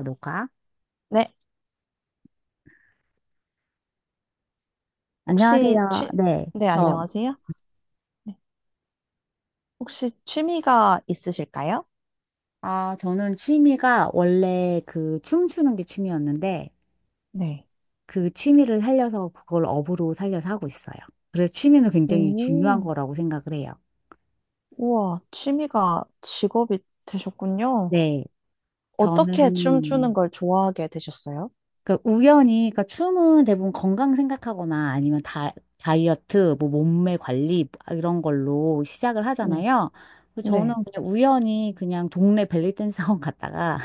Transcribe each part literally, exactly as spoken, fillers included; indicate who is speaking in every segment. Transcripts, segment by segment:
Speaker 1: 녹화.
Speaker 2: 네, 혹시
Speaker 1: 안녕하세요.
Speaker 2: 취,
Speaker 1: 네,
Speaker 2: 네,
Speaker 1: 저,
Speaker 2: 안녕하세요. 네, 혹시 취미가 있으실까요?
Speaker 1: 아, 저는 취미가 원래 그 춤추는 게 취미였는데
Speaker 2: 네.
Speaker 1: 그 취미를 살려서 그걸 업으로 살려서 하고 있어요. 그래서 취미는 굉장히 중요한
Speaker 2: 오,
Speaker 1: 거라고 생각을 해요.
Speaker 2: 우와, 취미가 직업이 되셨군요.
Speaker 1: 네,
Speaker 2: 어떻게 춤추는
Speaker 1: 저는
Speaker 2: 걸 좋아하게 되셨어요?
Speaker 1: 그 우연히, 그러니까 춤은 대부분 건강 생각하거나 아니면 다, 다이어트, 뭐 몸매 관리 아, 이런 걸로 시작을
Speaker 2: 네,
Speaker 1: 하잖아요. 그래서 저는
Speaker 2: 네,
Speaker 1: 그냥 우연히 그냥 동네 벨리댄스 학원 갔다가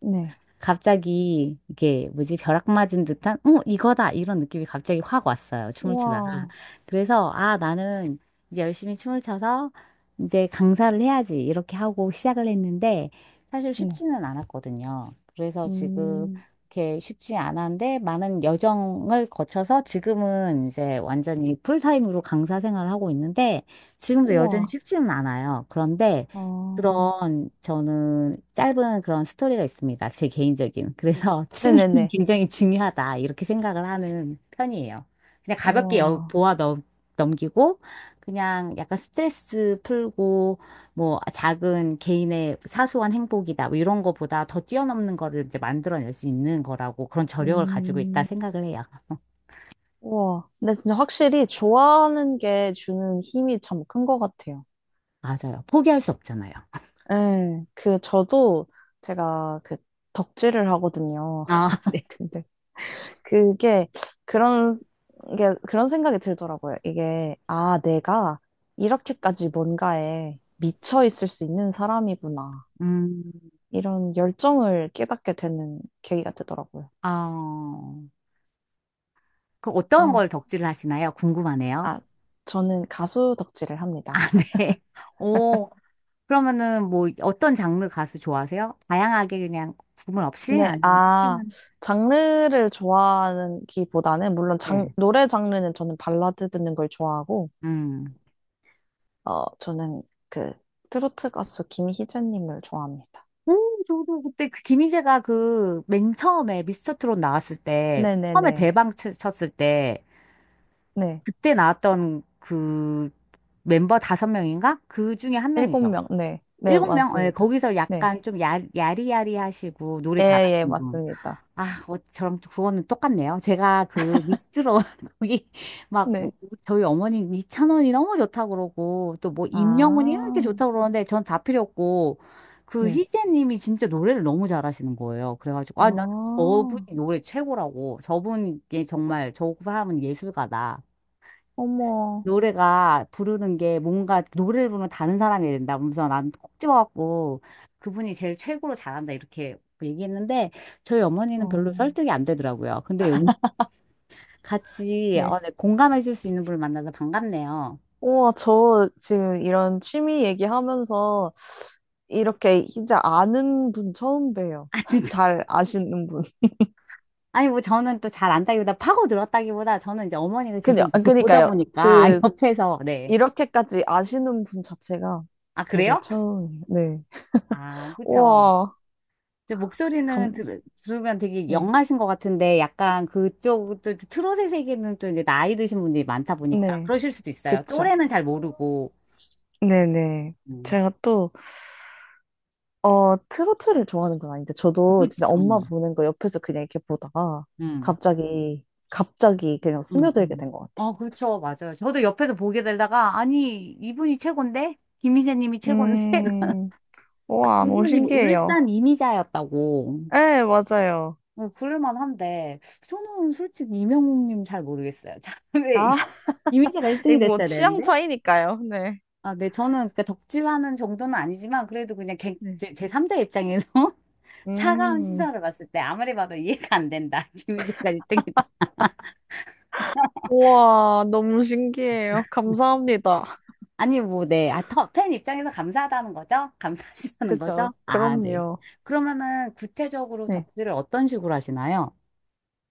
Speaker 2: 네.
Speaker 1: 갑자기 이게 뭐지, 벼락 맞은 듯한 어 이거다, 이런 느낌이 갑자기 확 왔어요, 춤을 추다가.
Speaker 2: 우와,
Speaker 1: 그래서 아, 나는 이제 열심히 춤을 춰서 이제 강사를 해야지, 이렇게 하고 시작을 했는데, 사실
Speaker 2: 네.
Speaker 1: 쉽지는 않았거든요. 그래서 지금
Speaker 2: 음,
Speaker 1: 이렇게 쉽지 않았는데, 많은 여정을 거쳐서 지금은 이제 완전히 풀타임으로 강사 생활을 하고 있는데, 지금도 여전히
Speaker 2: 우와,
Speaker 1: 쉽지는 않아요. 그런데
Speaker 2: 아,
Speaker 1: 그런 저는 짧은 그런 스토리가 있습니다. 제 개인적인. 그래서 취미는
Speaker 2: 네네네.
Speaker 1: 굉장히 중요하다, 이렇게 생각을 하는 편이에요. 그냥 가볍게 여,
Speaker 2: 우와,
Speaker 1: 보아 넘, 넘기고 그냥 약간 스트레스 풀고, 뭐 작은 개인의 사소한 행복이다, 뭐 이런 거보다 더 뛰어넘는 거를 이제 만들어낼 수 있는 거라고, 그런 저력을 가지고 있다
Speaker 2: 음,
Speaker 1: 생각을 해요.
Speaker 2: 우와. 근데 진짜 확실히 좋아하는 게 주는 힘이 참 큰 것 같아요.
Speaker 1: 맞아요. 포기할 수 없잖아요.
Speaker 2: 예, 그, 저도 제가 그 덕질을 하거든요.
Speaker 1: 아,
Speaker 2: 근데 그게 그런 게, 그런 생각이 들더라고요. 이게, 아, 내가 이렇게까지 뭔가에 미쳐 있을 수 있는 사람이구나.
Speaker 1: 음,
Speaker 2: 이런 열정을 깨닫게 되는 계기가 되더라고요.
Speaker 1: 어, 그럼 어떤
Speaker 2: 그래서
Speaker 1: 걸 덕질을 하시나요? 궁금하네요.
Speaker 2: 아, 저는 가수 덕질을 합니다.
Speaker 1: 네. 오, 그러면은 뭐 어떤 장르 가수 좋아하세요? 다양하게 그냥 구분 없이?
Speaker 2: 근데,
Speaker 1: 아니면
Speaker 2: 아,
Speaker 1: 특정한-
Speaker 2: 장르를 좋아하는 기보다는, 물론 장,
Speaker 1: 네.
Speaker 2: 노래 장르는 저는 발라드 듣는 걸 좋아하고,
Speaker 1: 음.
Speaker 2: 어, 저는 그 트로트 가수 김희재님을 좋아합니다.
Speaker 1: 오, 저도 그때 그 김희재가 그 맨 처음에 미스터 트롯 나왔을 때, 처음에
Speaker 2: 네네네.
Speaker 1: 대박 쳤- 쳤을 때,
Speaker 2: 네.
Speaker 1: 그때 나왔던 그 멤버 다섯 명인가? 그 중에 한
Speaker 2: 일곱
Speaker 1: 명이죠.
Speaker 2: 명. 네. 네,
Speaker 1: 일곱 명? 네,
Speaker 2: 맞습니다.
Speaker 1: 거기서
Speaker 2: 네.
Speaker 1: 약간 좀 야, 야리야리 하시고 노래
Speaker 2: 예, 예,
Speaker 1: 잘하시는 분.
Speaker 2: 맞습니다.
Speaker 1: 아, 어, 저랑 좀 그거는 똑같네요. 제가 그 미스트롯 거기 막 뭐,
Speaker 2: 네.
Speaker 1: 저희 어머니 이찬원이 너무 좋다 그러고 또 뭐 임영웅이 이렇게
Speaker 2: 아,
Speaker 1: 좋다 그러는데 전 다 필요 없고 그
Speaker 2: 네.
Speaker 1: 희재님이 진짜 노래를 너무 잘하시는 거예요. 그래가지고 아, 나는
Speaker 2: 아,
Speaker 1: 저분이 노래 최고라고, 저분이 정말 저 사람은 예술가다.
Speaker 2: 어머.
Speaker 1: 노래가 부르는 게 뭔가 노래를 부르면 다른 사람이 된다. 그러면서 난콕 집어갖고 그분이 제일 최고로 잘한다, 이렇게 얘기했는데 저희 어머니는 별로
Speaker 2: 어,
Speaker 1: 설득이 안 되더라고요. 근데 여기 같이
Speaker 2: 네.
Speaker 1: 어, 네, 공감해 줄 수 있는 분을 만나서 반갑네요.
Speaker 2: 우와, 저 지금 이런 취미 얘기하면서 이렇게 이제 아는 분 처음 봬요.
Speaker 1: 아, 진짜.
Speaker 2: 잘 아시는 분.
Speaker 1: 아니, 뭐 저는 또 잘 안다기보다 파고 들었다기보다 저는 이제 어머니가 계속
Speaker 2: 그냥,
Speaker 1: 이렇게 보다
Speaker 2: 그니까요.
Speaker 1: 보니까
Speaker 2: 그
Speaker 1: 옆에서 네.
Speaker 2: 이렇게까지 아시는 분 자체가
Speaker 1: 아,
Speaker 2: 되게
Speaker 1: 그래요?
Speaker 2: 처음이에요. 네.
Speaker 1: 아, 그쵸.
Speaker 2: 우와,
Speaker 1: 이제 목소리는
Speaker 2: 감,
Speaker 1: 들, 들으면 되게
Speaker 2: 네.
Speaker 1: 영하신 것 같은데 약간 그쪽 또 트롯의 세계는 또 이제 나이 드신 분들이 많다 보니까
Speaker 2: 네.
Speaker 1: 그러실 수도 있어요.
Speaker 2: 그쵸.
Speaker 1: 또래는 잘 모르고.
Speaker 2: 네네.
Speaker 1: 음.
Speaker 2: 제가 또, 어, 트로트를 좋아하는 건 아닌데, 저도 진짜
Speaker 1: 그치.
Speaker 2: 엄마
Speaker 1: 음.
Speaker 2: 보는 거 옆에서 그냥 이렇게 보다가
Speaker 1: 음.
Speaker 2: 갑자기, 갑자기 그냥
Speaker 1: 음.
Speaker 2: 스며들게
Speaker 1: 음.
Speaker 2: 된 것 같아요.
Speaker 1: 어, 그렇죠. 맞아요. 저도 옆에서 보게 되다가 아니, 이분이 최고인데? 김희재 님이 최고인데?
Speaker 2: 음,
Speaker 1: 아,
Speaker 2: 우와, 너무
Speaker 1: 그분이 뭐
Speaker 2: 신기해요.
Speaker 1: 울산 이미자였다고.
Speaker 2: 네, 맞아요.
Speaker 1: 어, 그럴만 한데 저는 솔직히 이명웅 님 잘 모르겠어요. 참, 왜
Speaker 2: 아,
Speaker 1: 이미자가 일 등이
Speaker 2: 이거 뭐
Speaker 1: 됐어야
Speaker 2: 취향
Speaker 1: 되는데?
Speaker 2: 차이니까요. 네.
Speaker 1: 아, 네, 저는 그 덕질하는 정도는 아니지만 그래도 그냥 객-
Speaker 2: 네.
Speaker 1: 제, 제 삼 자 입장에서 차가운
Speaker 2: 음,
Speaker 1: 시선을 봤을 때 아무리 봐도 이해가 안 된다. 김희재가 일 등이다.
Speaker 2: 우와, 너무 신기해요. 감사합니다.
Speaker 1: 아니, 뭐, 네. 아, 터- 팬 입장에서 감사하다는 거죠? 감사하시다는 거죠?
Speaker 2: 그죠.
Speaker 1: 아, 네.
Speaker 2: 그럼요.
Speaker 1: 그러면은 구체적으로
Speaker 2: 네.
Speaker 1: 덕질을 어떤 식으로 하시나요?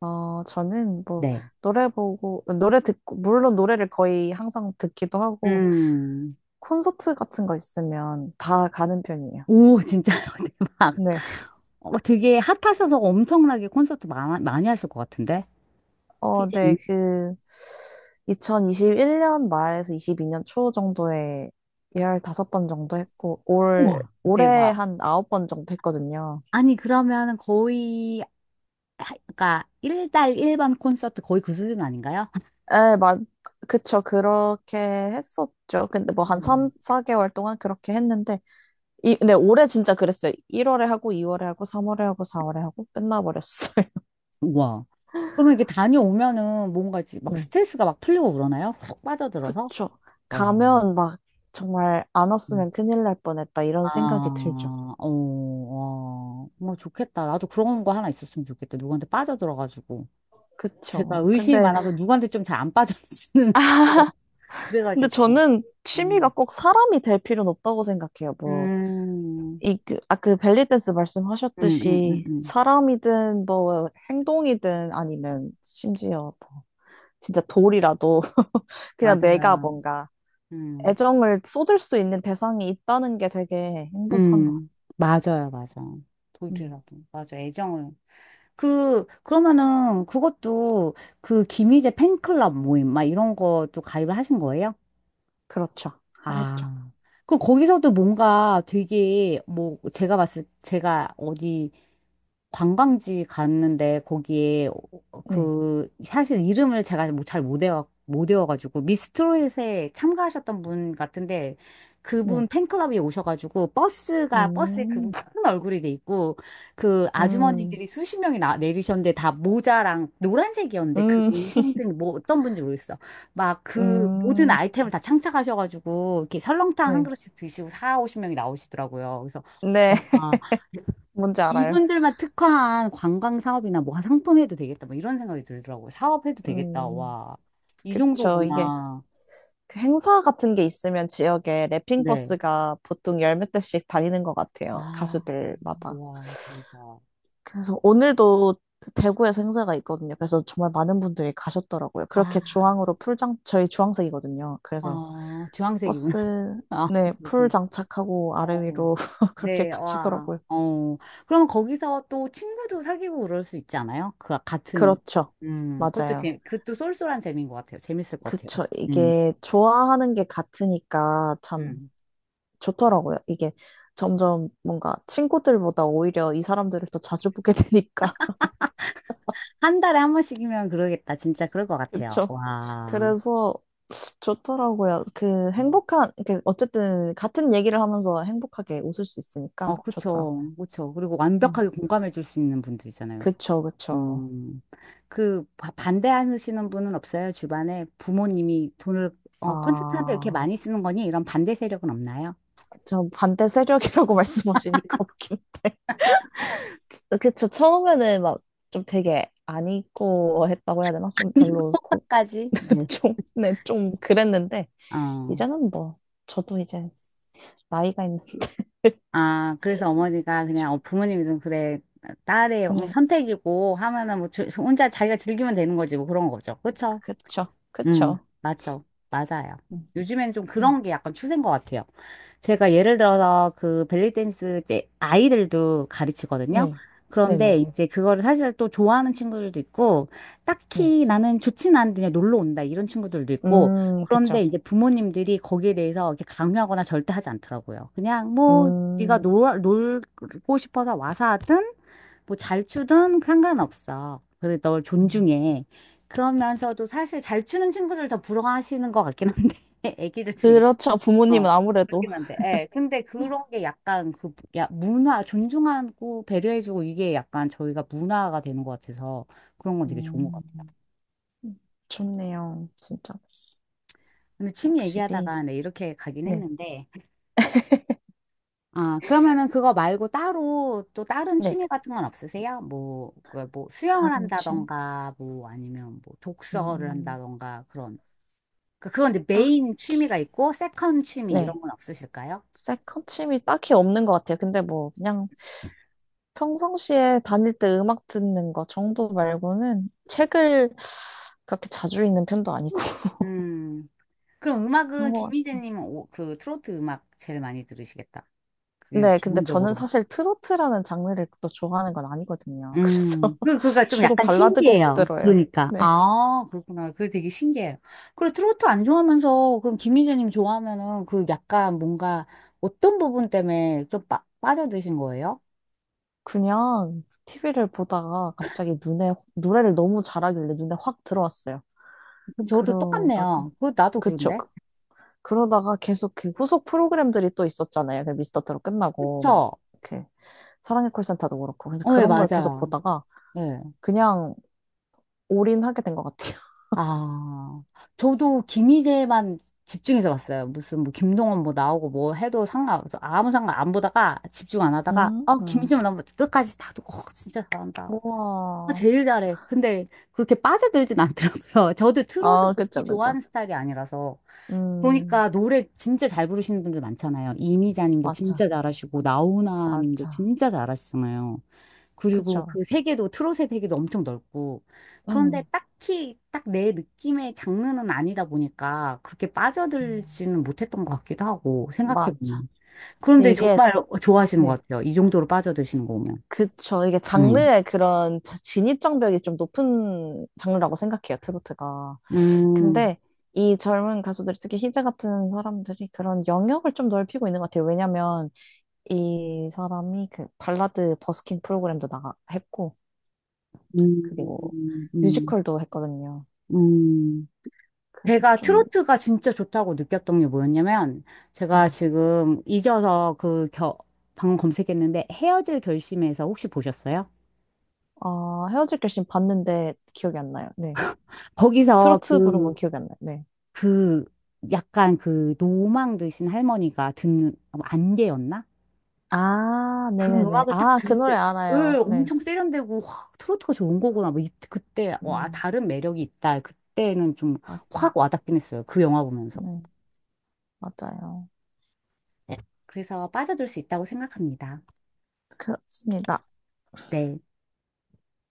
Speaker 2: 어, 저는 뭐,
Speaker 1: 네.
Speaker 2: 노래 보고, 노래 듣고, 물론 노래를 거의 항상 듣기도 하고,
Speaker 1: 음.
Speaker 2: 콘서트 같은 거 있으면 다 가는 편이에요.
Speaker 1: 오, 진짜요? 대박.
Speaker 2: 네.
Speaker 1: 어, 되게 핫하셔서 엄청나게 콘서트 많, 많이 하실 것 같은데? 피
Speaker 2: 어,
Speaker 1: 재
Speaker 2: 네,
Speaker 1: 님
Speaker 2: 그, 이천이십일 년 말에서 이십이 년 초 정도에 열다섯 번 정도 했고, 올,
Speaker 1: 우와,
Speaker 2: 올해
Speaker 1: 대박.
Speaker 2: 한 아홉 번 정도 했거든요.
Speaker 1: 아니, 그러면 거의 하- 그러니까 한 달 한 번 콘서트 거의 그 수준 아닌가요?
Speaker 2: 에, 맞, 그쵸. 그렇게 했었죠. 근데 뭐 한
Speaker 1: 우와.
Speaker 2: 삼, 사 개월 동안 그렇게 했는데, 이, 근데 올해 진짜 그랬어요. 일월에 하고, 이월에 하고, 삼월에 하고, 사월에 하고, 끝나버렸어요.
Speaker 1: 우와. 그러면 이게 다녀오면은 뭔가 이제 막
Speaker 2: 네.
Speaker 1: 스트레스가 막 풀리고 그러나요? 훅 빠져들어서?
Speaker 2: 그쵸.
Speaker 1: 어.
Speaker 2: 가면 막 정말 안
Speaker 1: 음.
Speaker 2: 왔으면 큰일 날 뻔했다, 이런 생각이
Speaker 1: 아,
Speaker 2: 들죠.
Speaker 1: 어, 어, 뭐 좋겠다. 나도 그런 거 하나 있었으면 좋겠다. 누구한테 빠져들어가지고. 제가
Speaker 2: 그쵸.
Speaker 1: 의심이
Speaker 2: 근데,
Speaker 1: 많아서 누구한테 좀 잘 안 빠져드는 스타일이라
Speaker 2: 아, 근데
Speaker 1: 그래가지고.
Speaker 2: 저는 취미가
Speaker 1: 음,
Speaker 2: 꼭 사람이 될 필요는 없다고 생각해요. 뭐,
Speaker 1: 음,
Speaker 2: 이, 그, 아, 그 벨리댄스
Speaker 1: 음, 음, 음.
Speaker 2: 말씀하셨듯이,
Speaker 1: 음.
Speaker 2: 사람이든, 뭐, 행동이든, 아니면 심지어, 뭐, 진짜 돌이라도, 그냥 내가
Speaker 1: 맞아요.
Speaker 2: 뭔가,
Speaker 1: 음.
Speaker 2: 애정을 쏟을 수 있는 대상이 있다는 게 되게 행복한 것 같아요.
Speaker 1: 음, 맞아요, 맞아.
Speaker 2: 음,
Speaker 1: 독일이라고. 맞아, 애정을. 그, 그러면은 그것도 그 김희재 팬클럽 모임, 막 이런 것도 가입을 하신 거예요?
Speaker 2: 그렇죠. 하- 했죠.
Speaker 1: 아, 그럼 거기서도 뭔가 되게, 뭐, 제가 봤을, 제가 어디 관광지 갔는데, 거기에 어,
Speaker 2: 네,
Speaker 1: 그, 사실 이름을 제가 뭐 잘못 외워, 못 외워가지고, 미스트롯에 참가하셨던 분 같은데,
Speaker 2: 네.
Speaker 1: 그분 팬클럽에 오셔가지고, 버스가, 버스에 그분
Speaker 2: 음,
Speaker 1: 큰 얼굴이 돼 있고, 그
Speaker 2: 음,
Speaker 1: 아주머니들이 수십 명이 나, 내리셨는데, 다 모자랑 노란색이었는데,
Speaker 2: 음,
Speaker 1: 그분 생증, 뭐 어떤 분인지 모르겠어. 막 그 모든
Speaker 2: 음,
Speaker 1: 아이템을 다 창작하셔가지고 이렇게 설렁탕 한
Speaker 2: 네.
Speaker 1: 그릇씩 드시고 사, 오십 명이 나오시더라고요. 그래서
Speaker 2: 네,
Speaker 1: 와,
Speaker 2: 뭔지 알아요.
Speaker 1: 이분들만 특화한 관광 사업이나 뭐 상품 해도 되겠다. 뭐 이런 생각이 들더라고요. 사업 해도 되겠다.
Speaker 2: 음,
Speaker 1: 와, 이
Speaker 2: 그쵸. 이게
Speaker 1: 정도구나.
Speaker 2: 그 행사 같은 게 있으면 지역에 랩핑
Speaker 1: 네.
Speaker 2: 버스가 보통 열 몇 대씩 다니는 것 같아요.
Speaker 1: 아,
Speaker 2: 가수들마다.
Speaker 1: 와, 대박.
Speaker 2: 그래서 오늘도 대구에서 행사가 있거든요. 그래서 정말 많은 분들이 가셨더라고요.
Speaker 1: 아,
Speaker 2: 그렇게 주황으로 풀장, 저희 주황색이거든요. 그래서
Speaker 1: 아, 주황색이구나.
Speaker 2: 버스,
Speaker 1: 아,
Speaker 2: 네, 풀
Speaker 1: 그렇구나.
Speaker 2: 장착하고 아래
Speaker 1: 어,
Speaker 2: 위로 그렇게
Speaker 1: 네, 와.
Speaker 2: 가시더라고요.
Speaker 1: 어, 그럼 거기서 또 친구도 사귀고 그럴 수 있지 않아요? 그 아, 같은,
Speaker 2: 그렇죠.
Speaker 1: 음, 그것도
Speaker 2: 맞아요.
Speaker 1: 재, 그것도 쏠쏠한 재미인 것 같아요. 재밌을 것 같아요.
Speaker 2: 그쵸.
Speaker 1: 음,
Speaker 2: 이게 좋아하는 게 같으니까 참
Speaker 1: 음.
Speaker 2: 좋더라고요. 이게 점점 뭔가 친구들보다 오히려 이 사람들을 더 자주 보게 되니까.
Speaker 1: 한 달에 한 번씩이면 그러겠다. 진짜 그럴 것 같아요.
Speaker 2: 그쵸.
Speaker 1: 와.
Speaker 2: 그래서 좋더라고요. 그
Speaker 1: 음.
Speaker 2: 행복한, 이렇게 어쨌든 같은 얘기를 하면서 행복하게 웃을 수
Speaker 1: 어,
Speaker 2: 있으니까
Speaker 1: 그쵸.
Speaker 2: 좋더라고요.
Speaker 1: 그쵸. 그리고
Speaker 2: 음.
Speaker 1: 완벽하게 공감해 줄 수 있는 분들 있잖아요.
Speaker 2: 그쵸, 그쵸.
Speaker 1: 음, 그 바- 반대하시는 분은 없어요? 주변에 부모님이 돈을 어, 콘서트한테 이렇게
Speaker 2: 아,
Speaker 1: 많이 쓰는 거니? 이런 반대 세력은 없나요?
Speaker 2: 저 반대 세력이라고 말씀하시니까 웃기네. 어, 그쵸. 처음에는 막 좀 되게 안 입고 했다고 해야 되나? 좀 별로, 고,
Speaker 1: 까지.
Speaker 2: 좀, 네, 좀 그랬는데,
Speaker 1: 어.
Speaker 2: 이제는 뭐, 저도 이제 나이가 있는,
Speaker 1: 아, 그래서 어머니가
Speaker 2: 그쵸.
Speaker 1: 그냥 어, 부모님이 좀 그래, 딸의 뭐
Speaker 2: 네,
Speaker 1: 선택이고 하면은 뭐 주- 혼자 자기가 즐기면 되는 거지 뭐 그런 거죠. 그쵸?
Speaker 2: 그쵸.
Speaker 1: 음,
Speaker 2: 그쵸.
Speaker 1: 맞죠. 맞아요.
Speaker 2: 음,
Speaker 1: 요즘에는 좀
Speaker 2: 음.
Speaker 1: 그런 게 약간 추세인 것 같아요. 제가 예를 들어서 그 벨리댄스 이제 아이들도 가르치거든요.
Speaker 2: 네,
Speaker 1: 그런데
Speaker 2: 네네,
Speaker 1: 이제 그거를 사실 또 좋아하는 친구들도 있고,
Speaker 2: 네.
Speaker 1: 딱히 나는 좋진 않은데 그냥 놀러 온다 이런 친구들도 있고,
Speaker 2: 음,
Speaker 1: 그런데
Speaker 2: 그쵸.
Speaker 1: 이제 부모님들이 거기에 대해서 이렇게 강요하거나 절대 하지 않더라고요. 그냥 뭐, 네가
Speaker 2: 음,
Speaker 1: 놀, 놀고 싶어서 와서 하든, 뭐 잘 추든 상관없어. 그래, 널
Speaker 2: 음.
Speaker 1: 존중해. 그러면서도 사실 잘 추는 친구들 더 부러워하시는 것 같긴 한데, 애기들 중에.
Speaker 2: 그렇죠.
Speaker 1: 어,
Speaker 2: 부모님은 아무래도.
Speaker 1: 그렇긴 한데, 예. 근데 그런 게 약간 그, 야, 문화, 존중하고 배려해주고 이게 약간 저희가 문화가 되는 것 같아서 그런 건 되게 좋은 것
Speaker 2: 음,
Speaker 1: 같아요.
Speaker 2: 좋네요. 진짜.
Speaker 1: 근데 취미
Speaker 2: 확실히.
Speaker 1: 얘기하다가 네, 이렇게 가긴
Speaker 2: 네,
Speaker 1: 했는데, 아, 그러면은 그거 말고 따로 또 다른
Speaker 2: 네.
Speaker 1: 취미 같은 건 없으세요? 뭐, 그 뭐, 수영을
Speaker 2: 다른 취미?
Speaker 1: 한다던가, 뭐, 아니면 뭐, 독서를
Speaker 2: 음,
Speaker 1: 한다던가, 그런. 그- 그건 이제 메인
Speaker 2: 딱히.
Speaker 1: 취미가 있고 세컨 취미
Speaker 2: 네.
Speaker 1: 이런 건 없으실까요?
Speaker 2: 세컨침이 딱히 없는 것 같아요. 근데 뭐 그냥 평상시에 다닐 때 음악 듣는 거 정도 말고는 책을 그렇게 자주 읽는 편도 아니고
Speaker 1: 음, 그럼
Speaker 2: 그런
Speaker 1: 음악은
Speaker 2: 것 같아요.
Speaker 1: 김희재님 오- 그 트로트 음악 제일 많이 들으시겠다. 그게
Speaker 2: 네, 근데 저는
Speaker 1: 기본적으로.
Speaker 2: 사실 트로트라는 장르를 또 좋아하는 건 아니거든요. 그래서
Speaker 1: 음, 그, 그가 좀
Speaker 2: 주로
Speaker 1: 약간
Speaker 2: 발라드 곡
Speaker 1: 신기해요.
Speaker 2: 들어요.
Speaker 1: 그러니까.
Speaker 2: 네.
Speaker 1: 아, 그렇구나. 그게 되게 신기해요. 그리고 트로트 안 좋아하면서, 그럼 김희재님 좋아하면은 그 약간 뭔가 어떤 부분 때문에 좀 빠, 빠져드신 거예요?
Speaker 2: 그냥 티비를 보다가 갑자기 눈에, 노래를 너무 잘하길래 눈에 확 들어왔어요.
Speaker 1: 그럼 저도
Speaker 2: 그러다가,
Speaker 1: 똑같네요. 그, 나도
Speaker 2: 그쵸.
Speaker 1: 그런데?
Speaker 2: 그러다가 계속 그 후속 프로그램들이 또 있었잖아요. 그 미스터 트롯 끝나고 뭐
Speaker 1: 그쵸?
Speaker 2: 이렇게 사랑의 콜센터도 그렇고 그래서
Speaker 1: 어, 예,
Speaker 2: 그런 걸 계속
Speaker 1: 맞아요.
Speaker 2: 보다가
Speaker 1: 예.
Speaker 2: 그냥 올인하게 된 것 같아요.
Speaker 1: 아, 저도 김희재만 집중해서 봤어요. 무슨 뭐 김동원 뭐 나오고 뭐 해도 상관없어. 아무 상관 안 보다가 집중 안 하다가,
Speaker 2: 음,
Speaker 1: 어,
Speaker 2: 음.
Speaker 1: 김희재만 나오면 끝까지 다 두고, 어, 진짜 잘한다. 아,
Speaker 2: 우와.
Speaker 1: 제일 잘해. 근데 그렇게 빠져들진 않더라고요. 저도 트롯을
Speaker 2: 아,
Speaker 1: 그렇게
Speaker 2: 그쵸, 그쵸.
Speaker 1: 좋아하는 스타일이 아니라서.
Speaker 2: 음,
Speaker 1: 그러니까 노래 진짜 잘 부르시는 분들 많잖아요. 이미자님도
Speaker 2: 맞아,
Speaker 1: 진짜 잘하시고 나훈아님도
Speaker 2: 맞아.
Speaker 1: 진짜 잘하시잖아요. 그리고
Speaker 2: 그쵸.
Speaker 1: 그 세계도 트롯의 세계도 엄청 넓고 그런데
Speaker 2: 음.
Speaker 1: 딱히 딱 내 느낌의 장르는 아니다 보니까 그렇게
Speaker 2: 음,
Speaker 1: 빠져들지는 못했던 것 같기도 하고 생각해
Speaker 2: 맞아.
Speaker 1: 보면.
Speaker 2: 근데
Speaker 1: 그런데
Speaker 2: 이게,
Speaker 1: 정말 좋아하시는
Speaker 2: 네.
Speaker 1: 것 같아요. 이 정도로 빠져드시는 거 보면.
Speaker 2: 그쵸. 이게
Speaker 1: 음.
Speaker 2: 장르의 그런 자- 진입장벽이 좀 높은 장르라고 생각해요, 트로트가.
Speaker 1: 음.
Speaker 2: 근데 이 젊은 가수들, 특히 희재 같은 사람들이 그런 영역을 좀 넓히고 있는 것 같아요. 왜냐면 이 사람이 그 발라드 버스킹 프로그램도 나가 했고, 그리고
Speaker 1: 음, 음,
Speaker 2: 뮤지컬도 했거든요.
Speaker 1: 음.
Speaker 2: 그래서
Speaker 1: 제가
Speaker 2: 좀,
Speaker 1: 트로트가 진짜 좋다고 느꼈던 게 뭐였냐면, 제가
Speaker 2: 네.
Speaker 1: 지금 잊어서 그 겨, 방금 검색했는데, 헤어질 결심에서 혹시 보셨어요?
Speaker 2: 아, 헤어질 결심 봤는데 기억이 안 나요. 네.
Speaker 1: 거기서
Speaker 2: 트로트 부른 건
Speaker 1: 그,
Speaker 2: 기억이 안 나요. 네.
Speaker 1: 그, 약간 그 노망 드신 할머니가 듣는, 안개였나?
Speaker 2: 아,
Speaker 1: 그
Speaker 2: 네네네.
Speaker 1: 음악을 딱
Speaker 2: 아, 그
Speaker 1: 듣는데,
Speaker 2: 노래
Speaker 1: 예,
Speaker 2: 알아요. 네.
Speaker 1: 엄청 세련되고, 확 트로트가 좋은 거구나. 뭐, 이, 그때, 와,
Speaker 2: 음,
Speaker 1: 다른 매력이 있다. 그때는 좀 확
Speaker 2: 맞아.
Speaker 1: 와닿긴 했어요. 그 영화 보면서.
Speaker 2: 네, 맞아요.
Speaker 1: 네. 그래서 빠져들 수 있다고 생각합니다.
Speaker 2: 그렇습니다.
Speaker 1: 네,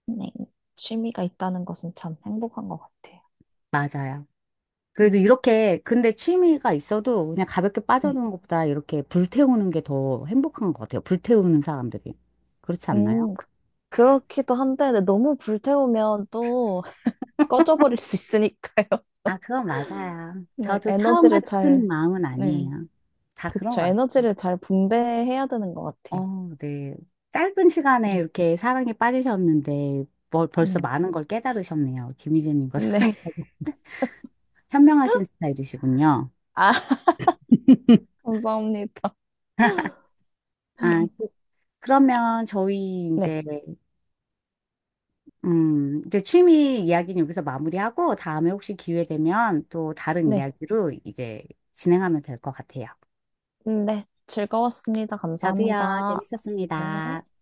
Speaker 2: 네. 취미가 있다는 것은 참 행복한 것 같아요.
Speaker 1: 맞아요. 그래도
Speaker 2: 음.
Speaker 1: 이렇게, 근데 취미가 있어도 그냥 가볍게
Speaker 2: 네.
Speaker 1: 빠져드는 것보다 이렇게 불태우는 게 더 행복한 것 같아요. 불태우는 사람들이. 그렇지 않나요?
Speaker 2: 음, 그- 그렇기도 한데 근데 너무 불태우면 또 꺼져버릴 수 있으니까요.
Speaker 1: 아, 그건 맞아요.
Speaker 2: 네,
Speaker 1: 저도 처음
Speaker 2: 에너지를
Speaker 1: 같은
Speaker 2: 잘,
Speaker 1: 마음은
Speaker 2: 네,
Speaker 1: 아니에요. 다 그런
Speaker 2: 그쵸.
Speaker 1: 것 같아요.
Speaker 2: 에너지를 잘 분배해야 되는 것 같아요.
Speaker 1: 어, 네. 짧은 시간에
Speaker 2: 음,
Speaker 1: 이렇게 사랑에 빠지셨는데 뭐, 벌써
Speaker 2: 네.
Speaker 1: 많은 걸 깨달으셨네요. 김희재님과
Speaker 2: 네.
Speaker 1: 사랑에 빠져- 현명하신 스타일이시군요.
Speaker 2: 아, 감사합니다.
Speaker 1: 아, 그- 그러면 저희
Speaker 2: 네,
Speaker 1: 이제 음, 이제 취미 이야기는 여기서 마무리하고 다음에 혹시 기회 되면 또 다른
Speaker 2: 네,
Speaker 1: 이야기로 이제 진행하면 될 것 같아요.
Speaker 2: 네. 즐거웠습니다.
Speaker 1: 저도요,
Speaker 2: 감사합니다.
Speaker 1: 재밌었습니다.
Speaker 2: 네.